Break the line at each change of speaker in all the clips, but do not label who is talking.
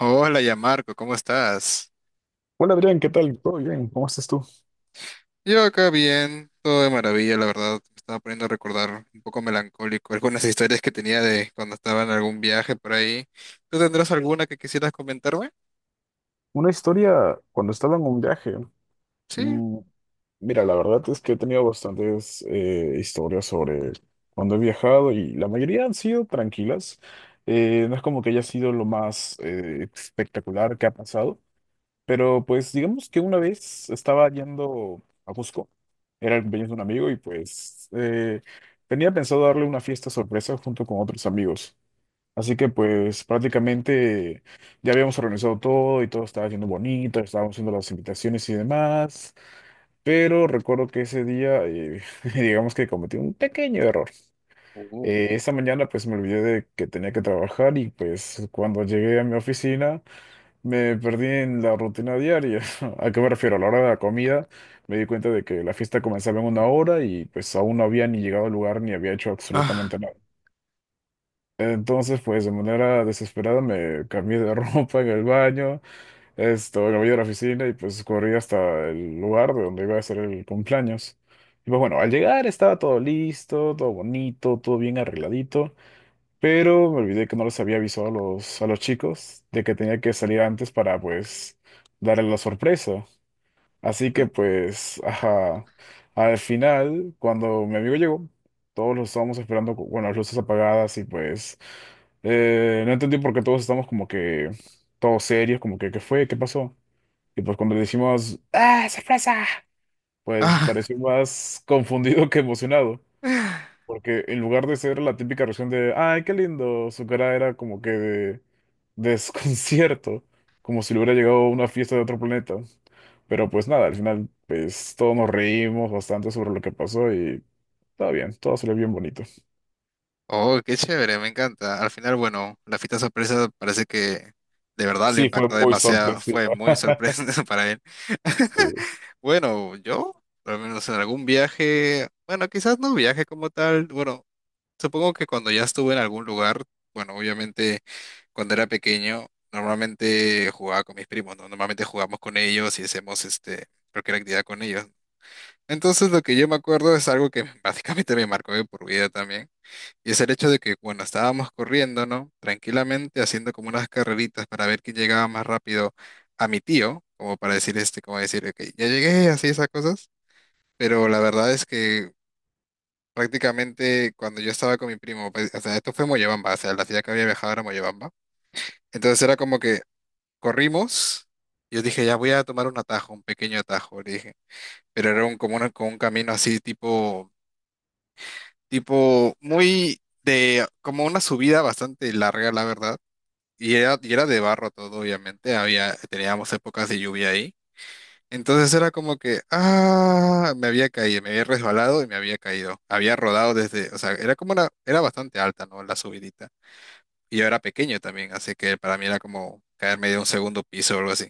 Hola, ya Marco, ¿cómo estás?
Hola Adrián, ¿qué tal? ¿Todo bien? ¿Cómo estás tú?
Yo acá bien, todo de maravilla, la verdad. Me estaba poniendo a recordar un poco melancólico algunas historias que tenía de cuando estaba en algún viaje por ahí. ¿Tú tendrás alguna que quisieras comentarme?
Una historia cuando estaba en un viaje.
Sí.
Mm, Mira, la verdad es que he tenido bastantes historias sobre cuando he viajado y la mayoría han sido tranquilas. No es como que haya sido lo más espectacular que ha pasado, pero pues digamos que una vez estaba yendo a Cusco, era el cumpleaños de un amigo y pues tenía pensado darle una fiesta sorpresa junto con otros amigos. Así que pues prácticamente ya habíamos organizado todo y todo estaba yendo bonito, estábamos haciendo las invitaciones y demás, pero recuerdo que ese día digamos que cometí un pequeño error. Eh,
Uh,
esa mañana pues me olvidé de que tenía que trabajar y pues cuando llegué a mi oficina me perdí en la rutina diaria. ¿A qué me refiero? A la hora de la comida me di cuenta de que la fiesta comenzaba en una hora y pues aún no había ni llegado al lugar ni había hecho absolutamente
Ah,
nada. Entonces, pues de manera desesperada me cambié de ropa en el baño, esto, me voy a la oficina y pues corrí hasta el lugar de donde iba a hacer el cumpleaños. Y pues bueno, al llegar estaba todo listo, todo bonito, todo bien arregladito, pero me olvidé que no les había avisado a los chicos de que tenía que salir antes para pues darle la sorpresa. Así que
eh,
pues, ajá, al final, cuando mi amigo llegó, todos lo estábamos esperando con bueno, las luces apagadas y pues no entendí por qué todos estamos como que todos serios, como que ¿qué fue? ¿Qué pasó? Y pues cuando le decimos, ¡ah, sorpresa! Pues
ah.
pareció más confundido que emocionado, porque en lugar de ser la típica reacción de, ¡ay, qué lindo! Su cara era como que de desconcierto, como si le hubiera llegado a una fiesta de otro planeta. Pero pues nada, al final pues todos nos reímos bastante sobre lo que pasó y está bien, todo salió bien bonito.
Oh, qué chévere, me encanta. Al final, bueno, la fiesta sorpresa parece que de verdad lo
Sí, fue
impactó
muy
demasiado.
sorpresiva.
Fue muy sorpresa para él.
Sí,
Bueno, yo, al menos en algún viaje, bueno, quizás no viaje como tal, bueno. Supongo que cuando ya estuve en algún lugar, bueno, obviamente cuando era pequeño, normalmente jugaba con mis primos, ¿no? Normalmente jugamos con ellos y hacemos este, cualquier actividad con ellos. Entonces lo que yo me acuerdo es algo que básicamente me marcó de por vida también, y es el hecho de que cuando estábamos corriendo, ¿no? Tranquilamente haciendo como unas carreritas para ver quién llegaba más rápido a mi tío, como para decir este, como decir, ok, ya llegué, así esas cosas, pero la verdad es que prácticamente cuando yo estaba con mi primo, pues, o sea, esto fue Moyobamba, o sea, la ciudad que había viajado era Moyobamba. Entonces era como que corrimos, yo dije, ya voy a tomar un atajo, un pequeño atajo, le dije, pero era un, como, una- como un camino así tipo, tipo muy de, como una subida bastante larga, la verdad. Y era de barro todo, obviamente, había, teníamos épocas de lluvia ahí. Entonces era como que, ah, me había caído, me había resbalado y me había caído. Había rodado desde, o sea, era como una, era bastante alta, ¿no? La subidita. Y yo era pequeño también, así que para mí era como caerme de un segundo piso o algo así.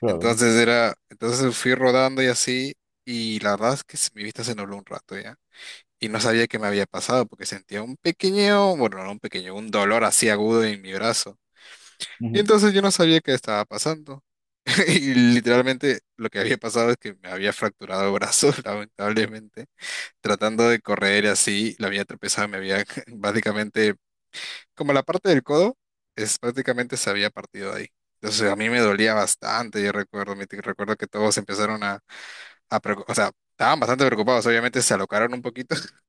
claro.
Entonces era, entonces fui rodando y así, y la verdad es que mi vista se nubló un rato ya. Y no sabía qué me había pasado porque sentía un pequeño, bueno, no un pequeño, un dolor así agudo en mi brazo. Y
Ujú,
entonces yo no sabía qué estaba pasando. Y literalmente lo que había pasado es que me había fracturado el brazo, lamentablemente. Tratando de correr así, la había tropezado, me había básicamente, como la parte del codo, es prácticamente se había partido ahí. Entonces a mí me dolía bastante, yo recuerdo, me- recuerdo que todos empezaron a preocu- o sea, estaban bastante preocupados, obviamente se alocaron un poquito.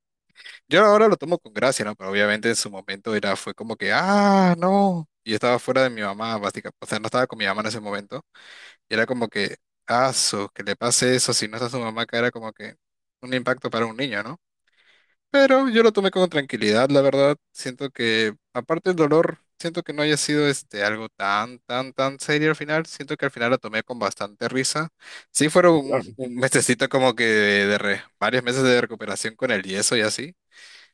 Yo ahora lo tomo con gracia, ¿no? Pero obviamente en su momento era, fue como que, ah, no. Y yo estaba fuera de mi mamá, básicamente, o sea, no estaba con mi mamá en ese momento. Y era como que, aso, que le pase eso si no está su mamá, que era como que un impacto para un niño, ¿no? Pero yo lo tomé con tranquilidad, la verdad. Siento que, aparte del dolor, siento que no haya sido este algo tan, tan, tan serio al final. Siento que al final lo tomé con bastante risa. Sí fueron
claro.
un mesecito como que de re- varios meses de recuperación con el yeso y así.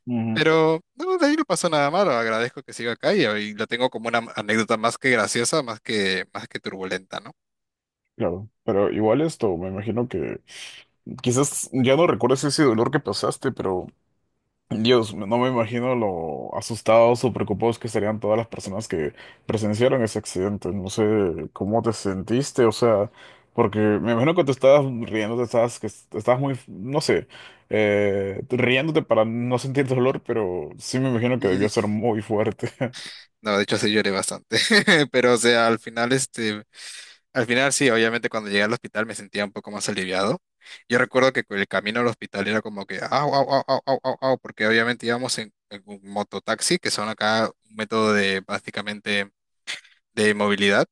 Ujú,
Pero no, de ahí no pasó nada malo. Agradezco que siga acá y lo tengo como una anécdota más que graciosa, más que turbulenta, ¿no?
claro. Pero igual esto, me imagino que quizás ya no recuerdes ese dolor que pasaste, pero Dios, no me imagino lo asustados o preocupados que estarían todas las personas que presenciaron ese accidente. No sé cómo te sentiste, o sea, porque me imagino que te estabas riendo, te estabas, que te estabas muy, no sé, riéndote para no sentir dolor, pero sí me imagino que debió ser muy fuerte.
No, de hecho sí lloré bastante. Pero, o sea, al final, este, al final sí, obviamente cuando llegué al hospital me sentía un poco más aliviado. Yo recuerdo que el camino al hospital era como que, au, au, au, au, au, au, au", porque obviamente íbamos en un mototaxi, que son acá un método de básicamente de movilidad,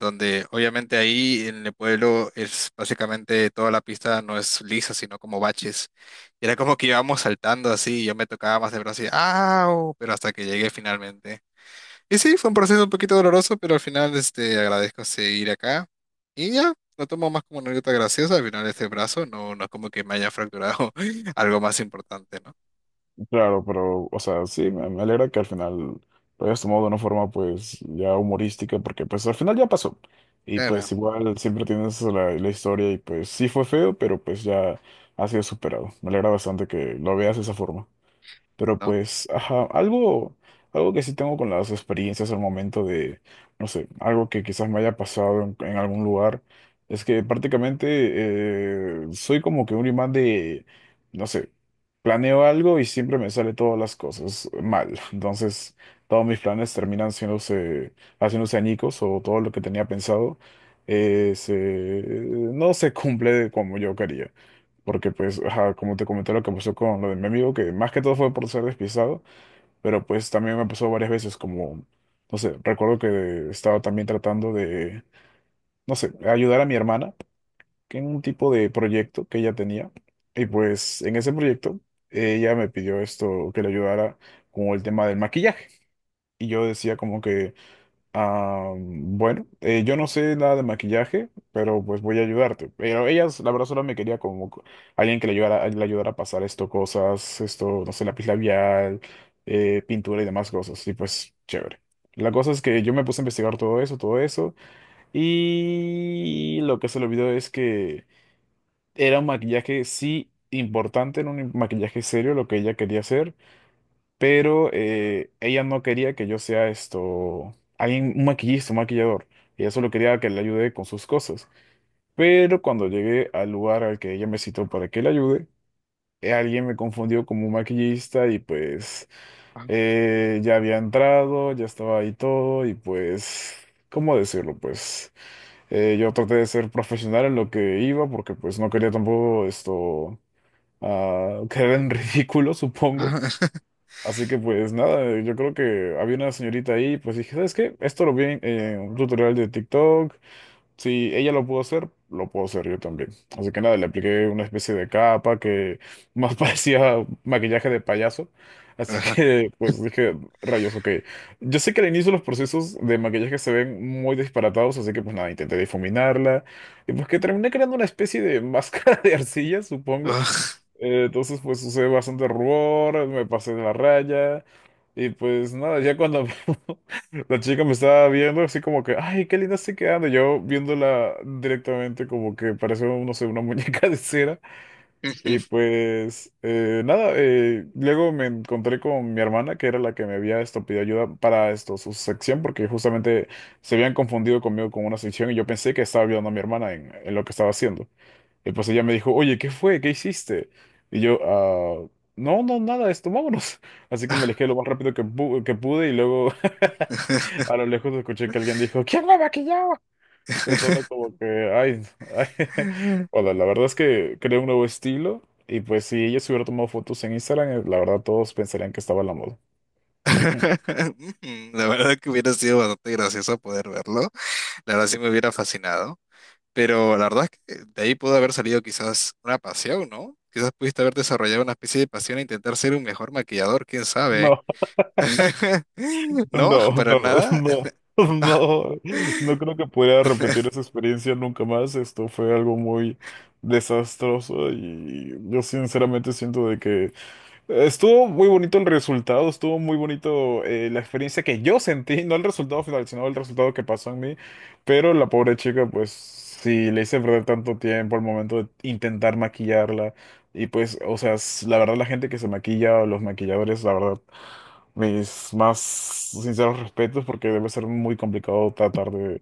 donde obviamente ahí en el pueblo es básicamente toda la pista no es lisa, sino como baches. Y era como que íbamos saltando así, y yo me tocaba más de brazo y, au, pero hasta que llegué finalmente. Y sí, fue un proceso un poquito doloroso, pero al final este, agradezco seguir acá. Y ya, lo tomo más como una anécdota graciosa. Al final este brazo no, no es como que me haya fracturado algo más importante, ¿no?
Claro, pero, o sea, sí, me alegra que al final lo hayas tomado de una forma, pues, ya humorística, porque, pues, al final ya pasó. Y,
Claro,
pues, igual siempre tienes la, la historia y, pues, sí fue feo, pero, pues, ya ha sido superado. Me alegra bastante que lo veas de esa forma. Pero
no.
pues, ajá, algo, que sí tengo con las experiencias al momento de, no sé, algo que quizás me haya pasado en algún lugar, es que prácticamente soy como que un imán de, no sé, planeo algo y siempre me sale todas las cosas mal. Entonces, todos mis planes terminan haciéndose añicos o todo lo que tenía pensado eh, se- no se cumple como yo quería. Porque pues, ajá, como te comenté lo que pasó con lo de mi amigo, que más que todo fue por ser despistado, pero pues también me pasó varias veces como, no sé, recuerdo que estaba también tratando de, no sé, ayudar a mi hermana que en un tipo de proyecto que ella tenía. Y pues en ese proyecto ella me pidió esto, que le ayudara con el tema del maquillaje. Y yo decía como que, ah, bueno, yo no sé nada de maquillaje, pero pues voy a ayudarte. Pero ellas, la verdad, solo me quería como alguien que le ayudara a pasar esto, cosas, esto, no sé, lápiz labial, pintura y demás cosas. Y pues, chévere. La cosa es que yo me puse a investigar todo eso, y lo que se le olvidó es que era un maquillaje, sí, importante, era un maquillaje serio lo que ella quería hacer pero ella no quería que yo sea esto, alguien, un maquillista, un maquillador. Ella solo quería que le ayude con sus cosas. Pero cuando llegué al lugar al que ella me citó para que le ayude, alguien me confundió como un maquillista y pues
Ah,
ya había entrado, ya estaba ahí todo y pues, ¿cómo decirlo? Pues yo traté de ser profesional en lo que iba porque pues no quería tampoco esto quedar en ridículo, supongo.
ah,
Así que pues nada, yo creo que había una señorita ahí, pues dije, ¿sabes qué? Esto lo vi en un tutorial de TikTok, si ella lo pudo hacer, lo puedo hacer yo también. Así que nada, le apliqué una especie de capa que más parecía maquillaje de payaso. Así que pues dije, rayos, ok. Yo sé que al inicio los procesos de maquillaje se ven muy disparatados, así que pues nada, intenté difuminarla. Y pues que terminé creando una especie de máscara de arcilla, supongo.
ah,
Entonces, pues sucede bastante rubor, me pasé de la raya. Y pues nada, ya cuando la chica me estaba viendo, así como que, ay, qué linda estoy quedando. Yo viéndola directamente, como que parece, no sé, una muñeca de cera. Y pues nada, luego me encontré con mi hermana, que era la que me había esto, pedido ayuda para esto, su sección, porque justamente se habían confundido conmigo con una sección y yo pensé que estaba ayudando a mi hermana en lo que estaba haciendo. Y pues ella me dijo, oye, ¿qué fue? ¿Qué hiciste? Y yo, ah, no, no, nada, esto, vámonos. Así que me
ah.
alejé lo más rápido que, que pude y luego a lo lejos escuché que alguien dijo, ¿quién me maquillaba? Pensando como que, ay, ay. Bueno, la verdad es que creé un nuevo estilo y pues si ella se hubiera tomado fotos en Instagram, la verdad todos pensarían que estaba en la moda. Ujú.
La verdad que hubiera sido bastante gracioso poder verlo. La verdad sí me hubiera fascinado. Pero la verdad es que de ahí pudo haber salido quizás una pasión, ¿no? Quizás pudiste haber desarrollado una especie de pasión e intentar ser un mejor maquillador, quién sabe. No,
No,
para
no,
nada.
no, no, no creo que pudiera repetir esa experiencia nunca más. Esto fue algo muy desastroso y yo sinceramente siento de que estuvo muy bonito el resultado, estuvo muy bonito la experiencia que yo sentí, no el resultado final, sino el resultado que pasó en mí, pero la pobre chica, pues sí, le hice perder tanto tiempo al momento de intentar maquillarla y pues, o sea, la verdad la gente que se maquilla o los maquilladores, la verdad, mis más sinceros respetos porque debe ser muy complicado tratar de,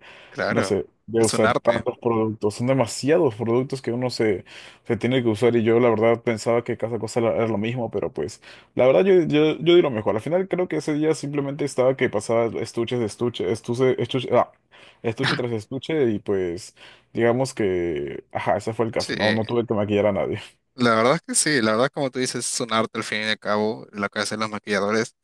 no
Claro,
sé, de
es un
usar
arte.
tantos productos, son demasiados productos que uno se tiene que usar y yo la verdad pensaba que cada cosa era lo mismo, pero pues la verdad yo di lo mejor. Al final creo que ese día simplemente estaba que pasaba estuches de estuche, estuche, estuche, estuche tras estuche y pues digamos que, ajá, ese fue el
Sí,
caso, no, no tuve que maquillar a nadie.
la verdad es que sí, la verdad como tú dices, es un arte al fin y al cabo, lo que hacen los maquilladores.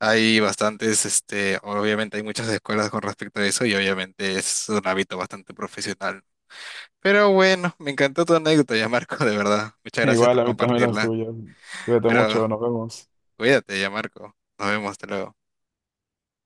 Hay bastantes, este, obviamente hay muchas escuelas con respecto a eso y obviamente es un hábito bastante profesional. Pero bueno, me encantó tu anécdota ya, Marco, de verdad. Muchas gracias
Igual
por
a mí también las
compartirla.
tuyas. Cuídate
Pero
mucho, nos vemos.
cuídate ya, Marco. Nos vemos, hasta luego.